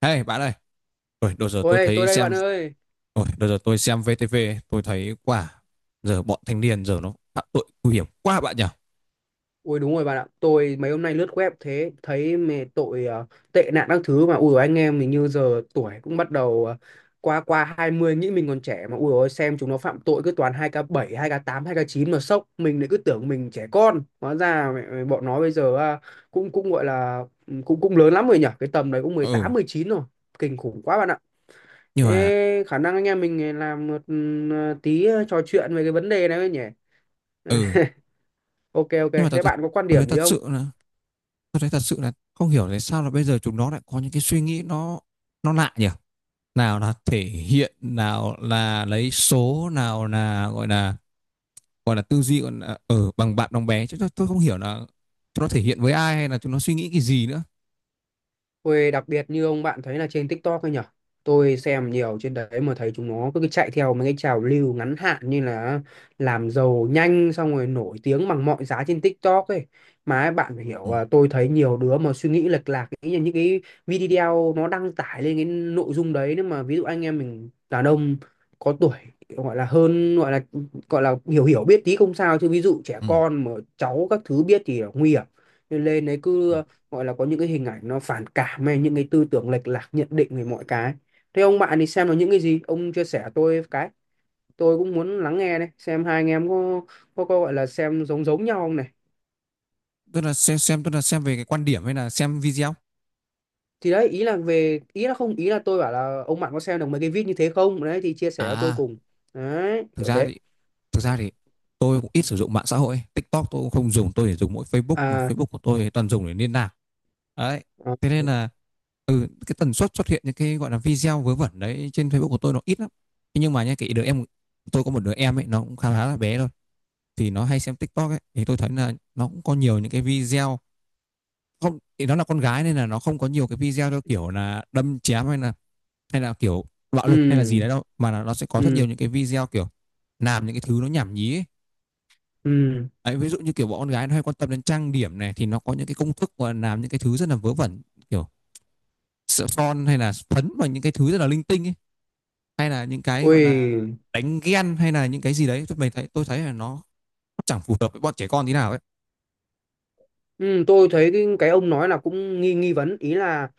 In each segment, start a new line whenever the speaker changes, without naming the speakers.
Hey bạn ơi, ôi, đợt giờ tôi
Ôi, tôi
thấy
đây bạn
xem,
ơi.
ôi, đợt giờ tôi xem VTV, ấy, tôi thấy quả giờ bọn thanh niên giờ nó phạm tội nguy hiểm quá bạn nhỉ?
Ui đúng rồi bạn ạ. Tôi mấy hôm nay lướt web thế thấy mẹ tội tệ nạn các thứ mà ui dồi, anh em mình như giờ tuổi cũng bắt đầu qua qua 20 nghĩ mình còn trẻ mà ui ôi xem chúng nó phạm tội cứ toàn 2k7 2k8 2k9 mà sốc. Mình lại cứ tưởng mình trẻ con. Hóa ra mẹ bọn nó bây giờ à, cũng cũng gọi là ừ, cũng cũng lớn lắm rồi nhỉ. Cái tầm đấy cũng mười
Ừ,
tám mười chín rồi. Kinh khủng quá bạn ạ.
nhưng mà,
Thế khả năng anh em mình làm một trò chuyện về cái vấn đề này thôi nhỉ.
ừ,
Ok ok,
nhưng mà tôi,
thế
tôi,
bạn có quan
tôi thấy
điểm gì
thật
không?
sự là, tôi thấy thật sự là không hiểu tại sao là bây giờ chúng nó lại có những cái suy nghĩ nó lạ nhỉ? Nào là thể hiện, nào là lấy số, nào là gọi là, gọi là tư duy, gọi là, bằng bạn đồng bé, chứ tôi không hiểu là chúng nó thể hiện với ai hay là chúng nó suy nghĩ cái gì nữa.
Tôi đặc biệt như ông bạn thấy là trên TikTok ấy nhở? Tôi xem nhiều trên đấy mà thấy chúng nó cứ chạy theo mấy cái trào lưu ngắn hạn như là làm giàu nhanh xong rồi nổi tiếng bằng mọi giá trên TikTok ấy. Mà ấy, bạn phải
Ừ,
hiểu à, tôi thấy nhiều đứa mà suy nghĩ lệch lạc nghĩ là những cái video nó đăng tải lên cái nội dung đấy nếu mà ví dụ anh em mình đàn ông có tuổi gọi là hơn gọi là hiểu hiểu biết tí không sao chứ ví dụ trẻ
ừ,
con mà cháu các thứ biết thì là nguy hiểm nên lên đấy cứ
ừ.
gọi là có những cái hình ảnh nó phản cảm hay những cái tư tưởng lệch lạc nhận định về mọi cái. Thế ông bạn thì xem là những cái gì ông chia sẻ tôi cái, tôi cũng muốn lắng nghe đấy xem hai anh em có có gọi là xem giống giống nhau không này.
Tức là xem tức là xem về cái quan điểm hay là xem video.
Thì đấy, ý là về ý là không ý là tôi bảo là ông bạn có xem được mấy cái vít như thế không đấy thì chia sẻ cho tôi
À,
cùng, đấy
thực
kiểu
ra
thế.
thì thực ra thì tôi cũng ít sử dụng mạng xã hội, TikTok tôi cũng không dùng, tôi chỉ dùng mỗi Facebook, mà
À,
Facebook của tôi thì toàn dùng để liên lạc. Đấy,
à,
thế nên là cái tần suất xuất hiện những cái gọi là video vớ vẩn đấy trên Facebook của tôi nó ít lắm. Thế nhưng mà nhá, cái đứa em, tôi có một đứa em ấy, nó cũng khá khá là bé thôi, thì nó hay xem TikTok ấy, thì tôi thấy là nó cũng có nhiều những cái video. Không thì nó là con gái nên là nó không có nhiều cái video theo kiểu là đâm chém hay là kiểu bạo lực hay là gì
ừ,
đấy đâu, mà là nó sẽ có rất nhiều
ừ,
những cái video kiểu làm những cái thứ nó nhảm nhí ấy.
ừ,
Đấy, ví dụ như kiểu bọn con gái nó hay quan tâm đến trang điểm này, thì nó có những cái công thức mà làm những cái thứ rất là vớ vẩn, kiểu sợ son hay là phấn và những cái thứ rất là linh tinh ấy, hay là những cái gọi là
ui.
đánh ghen hay là những cái gì đấy, tôi mình thấy tôi thấy là nó chẳng phù hợp với bọn trẻ con tí nào ấy.
Ừ, tôi thấy cái ông nói là cũng nghi nghi vấn, ý là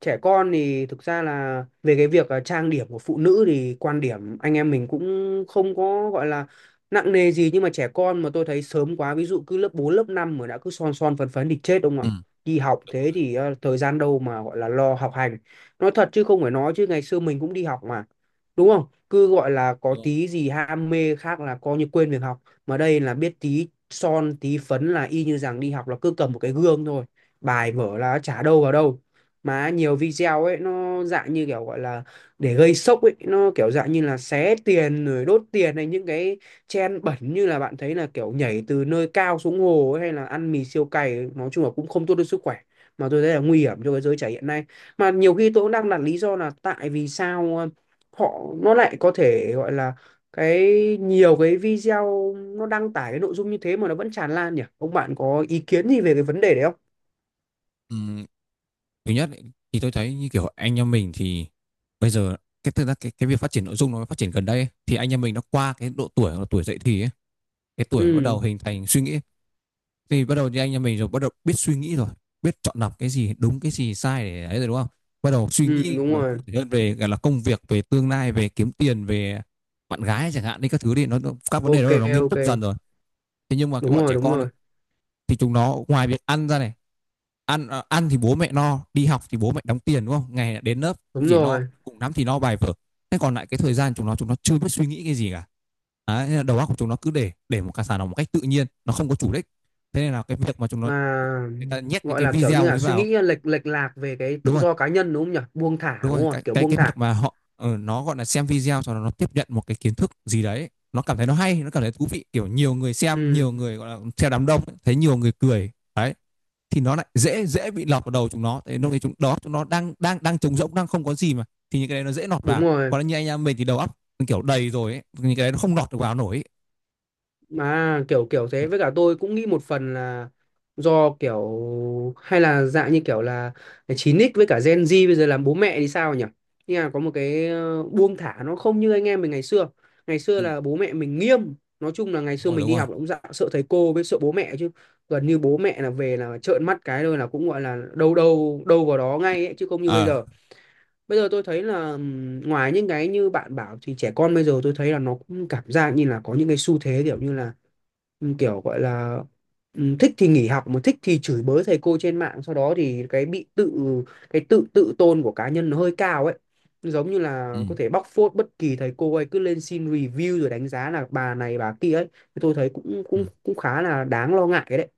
trẻ con thì thực ra là về cái việc trang điểm của phụ nữ thì quan điểm anh em mình cũng không có gọi là nặng nề gì, nhưng mà trẻ con mà tôi thấy sớm quá, ví dụ cứ lớp 4 lớp 5 mà đã cứ son son phấn phấn thì chết ông ạ.
Ừ,
Đi học
đúng
thế
rồi,
thì thời gian đâu mà gọi là lo học hành. Nói thật chứ không phải nói chứ ngày xưa mình cũng đi học mà, đúng không, cứ gọi là có
đúng rồi.
tí gì ham mê khác là coi như quên việc học, mà đây là biết tí son tí phấn là y như rằng đi học là cứ cầm một cái gương thôi, bài vở là chả đâu vào đâu. Mà nhiều video ấy nó dạng như kiểu gọi là để gây sốc ấy, nó kiểu dạng như là xé tiền rồi đốt tiền hay những cái trend bẩn như là bạn thấy là kiểu nhảy từ nơi cao xuống hồ ấy, hay là ăn mì siêu cay, nói chung là cũng không tốt cho sức khỏe, mà tôi thấy là nguy hiểm cho cái giới trẻ hiện nay. Mà nhiều khi tôi cũng đang đặt lý do là tại vì sao họ nó lại có thể gọi là cái, nhiều cái video nó đăng tải cái nội dung như thế mà nó vẫn tràn lan nhỉ, ông bạn có ý kiến gì về cái vấn đề đấy không?
ừ, Thứ nhất ấy, thì tôi thấy như kiểu anh em mình thì bây giờ cái thực ra cái việc phát triển nội dung nó phát triển gần đây ấy, thì anh em mình nó qua cái độ tuổi, độ tuổi dậy thì ấy, cái tuổi bắt
Ừ,
đầu hình thành suy nghĩ, thì bắt đầu như anh em mình rồi, bắt đầu biết suy nghĩ rồi, biết chọn lọc cái gì đúng cái gì sai để ấy rồi, đúng không, bắt đầu suy
ừ,
nghĩ
đúng
là cụ
rồi.
thể hơn về gọi là công việc, về tương lai, về kiếm tiền, về bạn gái chẳng hạn đi, các thứ đi, các vấn đề đó
Ok
là nó nghiêm
ok,
túc dần rồi. Thế nhưng mà cái
đúng
bọn
rồi,
trẻ
đúng
con
rồi,
thì chúng nó ngoài việc ăn ra này, ăn thì bố mẹ no, đi học thì bố mẹ đóng tiền, đúng không, ngày đến lớp cũng
đúng
chỉ no
rồi.
cùng lắm thì no bài vở, thế còn lại cái thời gian chúng nó chưa biết suy nghĩ cái gì cả. Đấy, nên là đầu óc của chúng nó cứ để một cái sản phẩm một cách tự nhiên, nó không có chủ đích. Thế nên là cái việc mà chúng nó,
À,
người ta nhét những
gọi
cái
là kiểu như
video
là
ấy
suy nghĩ
vào.
lệch lệch lạc về cái
Đúng
tự
rồi,
do cá nhân đúng không nhỉ, buông thả
đúng rồi,
đúng không,
cái
kiểu
cái,
buông
cái
thả.
việc mà họ nó gọi là xem video cho nó tiếp nhận một cái kiến thức gì đấy, nó cảm thấy nó hay, nó cảm thấy thú vị, kiểu nhiều người xem,
Ừ
nhiều người gọi là theo đám đông, thấy nhiều người cười đấy, thì nó lại dễ dễ bị lọt vào đầu chúng nó, thế lúc đấy chúng đó chúng nó đang đang đang trống rỗng, đang không có gì, mà thì những cái đấy nó dễ lọt
đúng
vào.
rồi,
Còn như anh em mình thì đầu óc kiểu đầy rồi ấy, những cái đấy nó không lọt được vào nổi.
mà kiểu kiểu thế, với cả tôi cũng nghĩ một phần là do kiểu, hay là dạng như kiểu là 9x với cả Gen Z bây giờ làm bố mẹ thì sao nhỉ, nhưng mà có một cái buông thả nó không như anh em mình ngày xưa. Ngày xưa
Ừ,
là bố mẹ mình nghiêm, nói chung là ngày
đúng
xưa
rồi,
mình
đúng
đi
rồi.
học là cũng dạ, sợ thầy cô với sợ bố mẹ chứ, gần như bố mẹ là về là trợn mắt cái thôi là cũng gọi là đâu đâu đâu vào đó ngay ấy, chứ không như bây
ờ
giờ. Bây giờ tôi thấy là ngoài những cái như bạn bảo thì trẻ con bây giờ tôi thấy là nó cũng cảm giác như là có những cái xu thế kiểu như là kiểu gọi là thích thì nghỉ học mà thích thì chửi bới thầy cô trên mạng, sau đó thì cái tự tự tôn của cá nhân nó hơi cao ấy, giống như
ừ,
là có thể bóc phốt bất kỳ thầy cô ấy, cứ lên xin review rồi đánh giá là bà này bà kia ấy, thì tôi thấy cũng
ừ,
cũng cũng khá là đáng lo ngại đấy.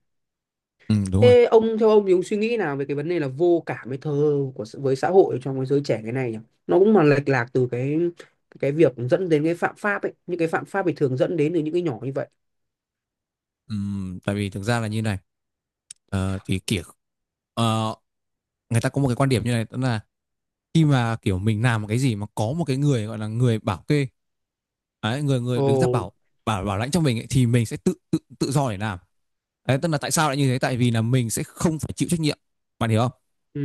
ừ, đúng rồi.
Thế ông, theo ông thì ông suy nghĩ nào về cái vấn đề là vô cảm với thờ ơ của với xã hội trong cái giới trẻ cái này nhỉ? Nó cũng mà lệch lạc từ cái việc dẫn đến cái phạm pháp ấy, những cái phạm pháp thì thường dẫn đến từ những cái nhỏ như vậy.
ừ, Tại vì thực ra là như này, ờ, thì kiểu ờ, người ta có một cái quan điểm như này, tức là khi mà kiểu mình làm một cái gì mà có một cái người gọi là người bảo kê ấy, người người đứng ra
Ồ,
bảo bảo bảo lãnh cho mình ấy, thì mình sẽ tự tự tự do để làm. Đấy, tức là tại sao lại như thế? Tại vì là mình sẽ không phải chịu trách nhiệm. Bạn hiểu không?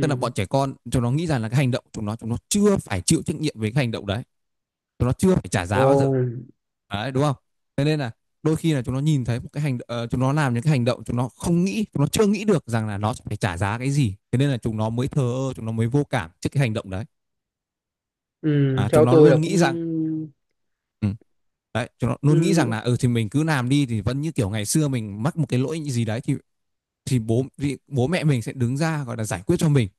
Tức là bọn trẻ con chúng nó nghĩ rằng là cái hành động, chúng nó chưa phải chịu trách nhiệm với cái hành động đấy. Chúng nó chưa phải trả
ồ,
giá bao giờ. Đấy, đúng không? Thế nên là đôi khi là chúng nó nhìn thấy một cái chúng nó làm những cái hành động, chúng nó không nghĩ, chúng nó chưa nghĩ được rằng là nó sẽ phải trả giá cái gì. Thế nên là chúng nó mới thờ ơ, chúng nó mới vô cảm trước cái hành động đấy.
ừ,
À, chúng
theo
nó
tôi là
luôn
cũng
nghĩ rằng ừ, đấy, chúng nó luôn nghĩ rằng là
ừ.
ừ thì mình cứ làm đi, thì vẫn như kiểu ngày xưa mình mắc một cái lỗi gì đấy thì bố mẹ mình sẽ đứng ra, gọi là, giải quyết cho mình.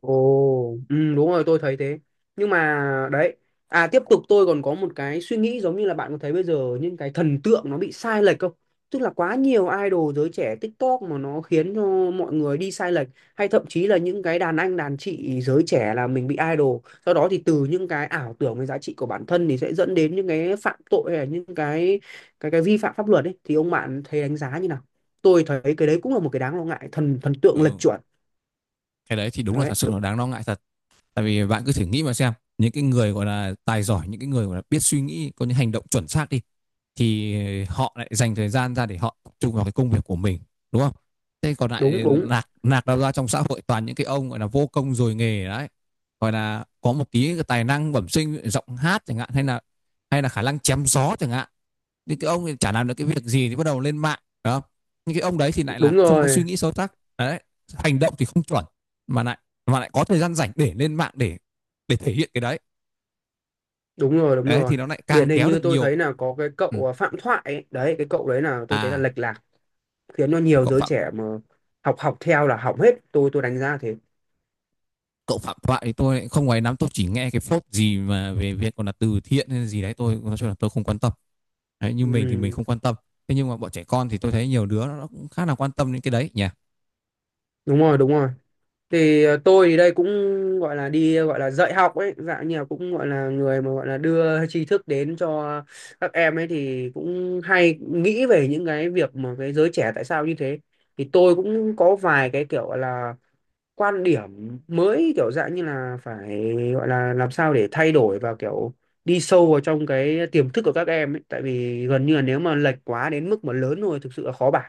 Ồ, ừ, đúng rồi tôi thấy thế. Nhưng mà đấy, à tiếp tục tôi còn có một cái suy nghĩ giống như là bạn có thấy bây giờ những cái thần tượng nó bị sai lệch không? Tức là quá nhiều idol giới trẻ TikTok mà nó khiến cho mọi người đi sai lệch, hay thậm chí là những cái đàn anh đàn chị giới trẻ là mình bị idol. Sau đó thì từ những cái ảo tưởng về giá trị của bản thân thì sẽ dẫn đến những cái phạm tội hay là những cái vi phạm pháp luật ấy, thì ông bạn thấy đánh giá như nào? Tôi thấy cái đấy cũng là một cái đáng lo ngại, thần thần tượng lệch
Ừ,
chuẩn.
cái đấy thì đúng là thật
Đấy,
sự là đáng lo ngại thật. Tại vì bạn cứ thử nghĩ mà xem, những cái người gọi là tài giỏi, những cái người gọi là biết suy nghĩ, có những hành động chuẩn xác đi, thì họ lại dành thời gian ra để họ tập trung vào cái công việc của mình, đúng không. Thế còn
đúng
lại
đúng,
nạc nạc đâu ra trong xã hội toàn những cái ông gọi là vô công rồi nghề đấy, gọi là có một tí cái tài năng bẩm sinh, giọng hát chẳng hạn, hay là khả năng chém gió chẳng hạn, những cái ông thì chả làm được cái việc gì thì bắt đầu lên mạng. Đó, những cái ông đấy thì lại là
đúng
không có suy
rồi,
nghĩ sâu sắc đấy, hành động thì không chuẩn, mà lại mà lại có thời gian rảnh để lên mạng để thể hiện cái đấy.
đúng rồi, đúng
Đấy,
rồi.
thì nó lại càng
Điển hình
kéo
như
được
tôi
nhiều
thấy
cái...
là có cái
Ừ.
cậu Phạm Thoại ấy. Đấy cái cậu đấy là tôi thấy là
à
lệch lạc, khiến cho nhiều
cậu
giới
phạm
trẻ mà học học theo là hỏng hết, tôi đánh giá thế.
Cậu Phạm Thoại thì tôi không ngoài nắm, tôi chỉ nghe cái phốt gì mà về việc còn là từ thiện hay gì đấy, tôi nói chung là tôi không quan tâm. Đấy, như mình thì mình
Ừ,
không quan tâm. Thế nhưng mà bọn trẻ con thì tôi thấy nhiều đứa nó cũng khá là quan tâm đến cái đấy nhỉ.
đúng rồi, đúng rồi. Thì tôi thì đây cũng gọi là đi gọi là dạy học ấy, dạng như là cũng gọi là người mà gọi là đưa tri thức đến cho các em ấy, thì cũng hay nghĩ về những cái việc mà cái giới trẻ tại sao như thế. Thì tôi cũng có vài cái kiểu gọi là quan điểm mới kiểu dạng như là phải gọi là làm sao để thay đổi và kiểu đi sâu vào trong cái tiềm thức của các em ấy, tại vì gần như là nếu mà lệch quá đến mức mà lớn rồi thực sự là khó bảo.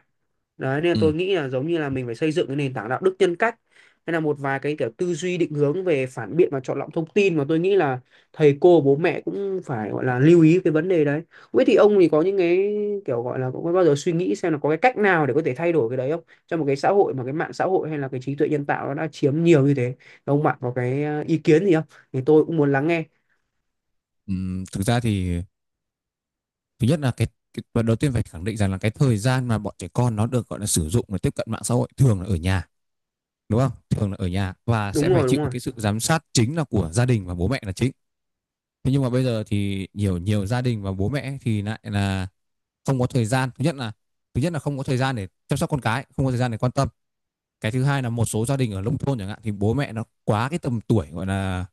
Đấy nên là
Ừ.
tôi nghĩ là giống như là mình phải xây dựng cái nền tảng đạo đức nhân cách, nên là một vài cái kiểu tư duy định hướng về phản biện và chọn lọc thông tin mà tôi nghĩ là thầy cô bố mẹ cũng phải gọi là lưu ý cái vấn đề đấy. Không biết thì ông thì có những cái kiểu gọi là có bao giờ suy nghĩ xem là có cái cách nào để có thể thay đổi cái đấy không? Trong một cái xã hội mà cái mạng xã hội hay là cái trí tuệ nhân tạo nó đã chiếm nhiều như thế. Ông bạn có cái ý kiến gì không? Thì tôi cũng muốn lắng nghe.
Ừ, thực ra thì thứ nhất là cái và đầu tiên phải khẳng định rằng là cái thời gian mà bọn trẻ con nó được gọi là sử dụng để tiếp cận mạng xã hội thường là ở nhà, đúng không, thường là ở nhà, và
Đúng
sẽ phải
rồi, đúng
chịu
rồi.
cái sự giám sát chính là của gia đình và bố mẹ là chính. Thế nhưng mà bây giờ thì nhiều nhiều gia đình và bố mẹ thì lại là không có thời gian, thứ nhất là không có thời gian để chăm sóc con cái, không có thời gian để quan tâm. Cái thứ hai là một số gia đình ở nông thôn chẳng hạn thì bố mẹ nó quá cái tầm tuổi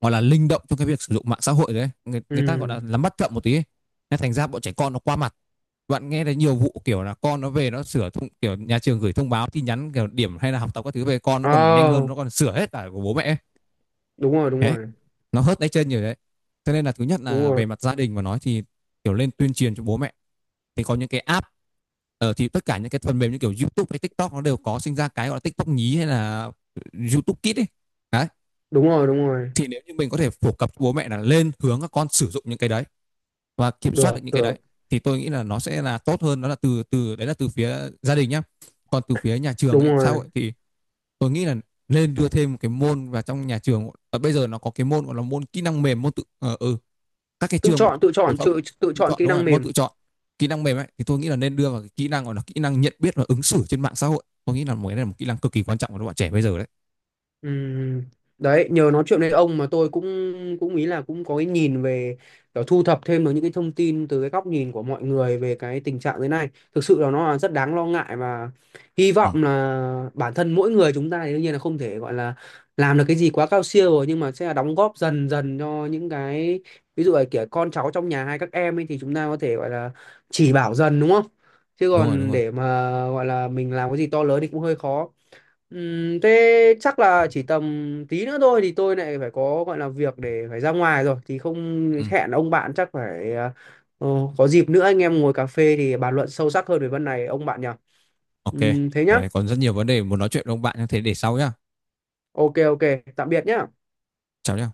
gọi là linh động trong cái việc sử dụng mạng xã hội đấy, người ta gọi
Ừ.
là nắm bắt chậm một tí ấy. Nên thành ra bọn trẻ con nó qua mặt, bạn nghe thấy nhiều vụ kiểu là con nó về nó sửa thông, kiểu nhà trường gửi thông báo tin nhắn kiểu điểm hay là học tập các thứ về, con nó còn nhanh hơn, nó
Oh,
còn sửa hết cả của bố mẹ ấy.
đúng rồi, đúng
Đấy,
rồi.
nó hớt tay chân nhiều đấy, cho nên là thứ nhất
Đúng
là
rồi.
về mặt gia đình mà nói thì kiểu lên tuyên truyền cho bố mẹ. Thì có những cái app, thì tất cả những cái phần mềm như kiểu YouTube hay TikTok nó đều có sinh ra cái gọi là TikTok nhí hay là YouTube Kids ấy. Đấy,
Đúng rồi, đúng rồi.
thì nếu như mình có thể phổ cập bố mẹ là lên hướng các con sử dụng những cái đấy và kiểm soát
Được,
được những cái đấy,
được.
thì tôi nghĩ là nó sẽ là tốt hơn, đó là từ từ đấy là từ phía gia đình nhá. Còn từ phía nhà trường
Đúng
ấy, xã
rồi.
hội thì tôi nghĩ là nên đưa thêm một cái môn vào trong nhà trường, và bây giờ nó có cái môn gọi là môn kỹ năng mềm, môn tự ờ ừ các cái
Tự
trường
chọn, tự
phổ
chọn,
thông
tự
tự
chọn
chọn,
kỹ
đúng
năng
rồi, môn
mềm.
tự chọn kỹ năng mềm ấy, thì tôi nghĩ là nên đưa vào cái kỹ năng gọi là kỹ năng nhận biết và ứng xử trên mạng xã hội, tôi nghĩ là một cái này là một kỹ năng cực kỳ quan trọng của các bạn trẻ bây giờ đấy.
Ừm, đấy nhờ nói chuyện với ông mà tôi cũng cũng ý là cũng có cái nhìn về kiểu thu thập thêm được những cái thông tin từ cái góc nhìn của mọi người về cái tình trạng thế này, thực sự là nó là rất đáng lo ngại, và hy
Ừ,
vọng là bản thân mỗi người chúng ta thì đương nhiên là không thể gọi là làm được cái gì quá cao siêu rồi, nhưng mà sẽ là đóng góp dần dần cho những cái ví dụ là kiểu con cháu trong nhà hay các em ấy, thì chúng ta có thể gọi là chỉ bảo dần đúng không, chứ
đúng rồi, đúng
còn
rồi.
để mà gọi là mình làm cái gì to lớn thì cũng hơi khó. Thế chắc là chỉ tầm tí nữa thôi thì tôi lại phải có gọi là việc để phải ra ngoài rồi thì không,
Ừ.
hẹn ông bạn chắc phải ờ, có dịp nữa anh em ngồi cà phê thì bàn luận sâu sắc hơn về vấn này ông bạn nhỉ.
Ok,
Thế nhá.
thế còn rất nhiều vấn đề muốn nói chuyện với ông bạn, như thế để sau nhá.
Ok ok, tạm biệt nhá.
Chào nhá.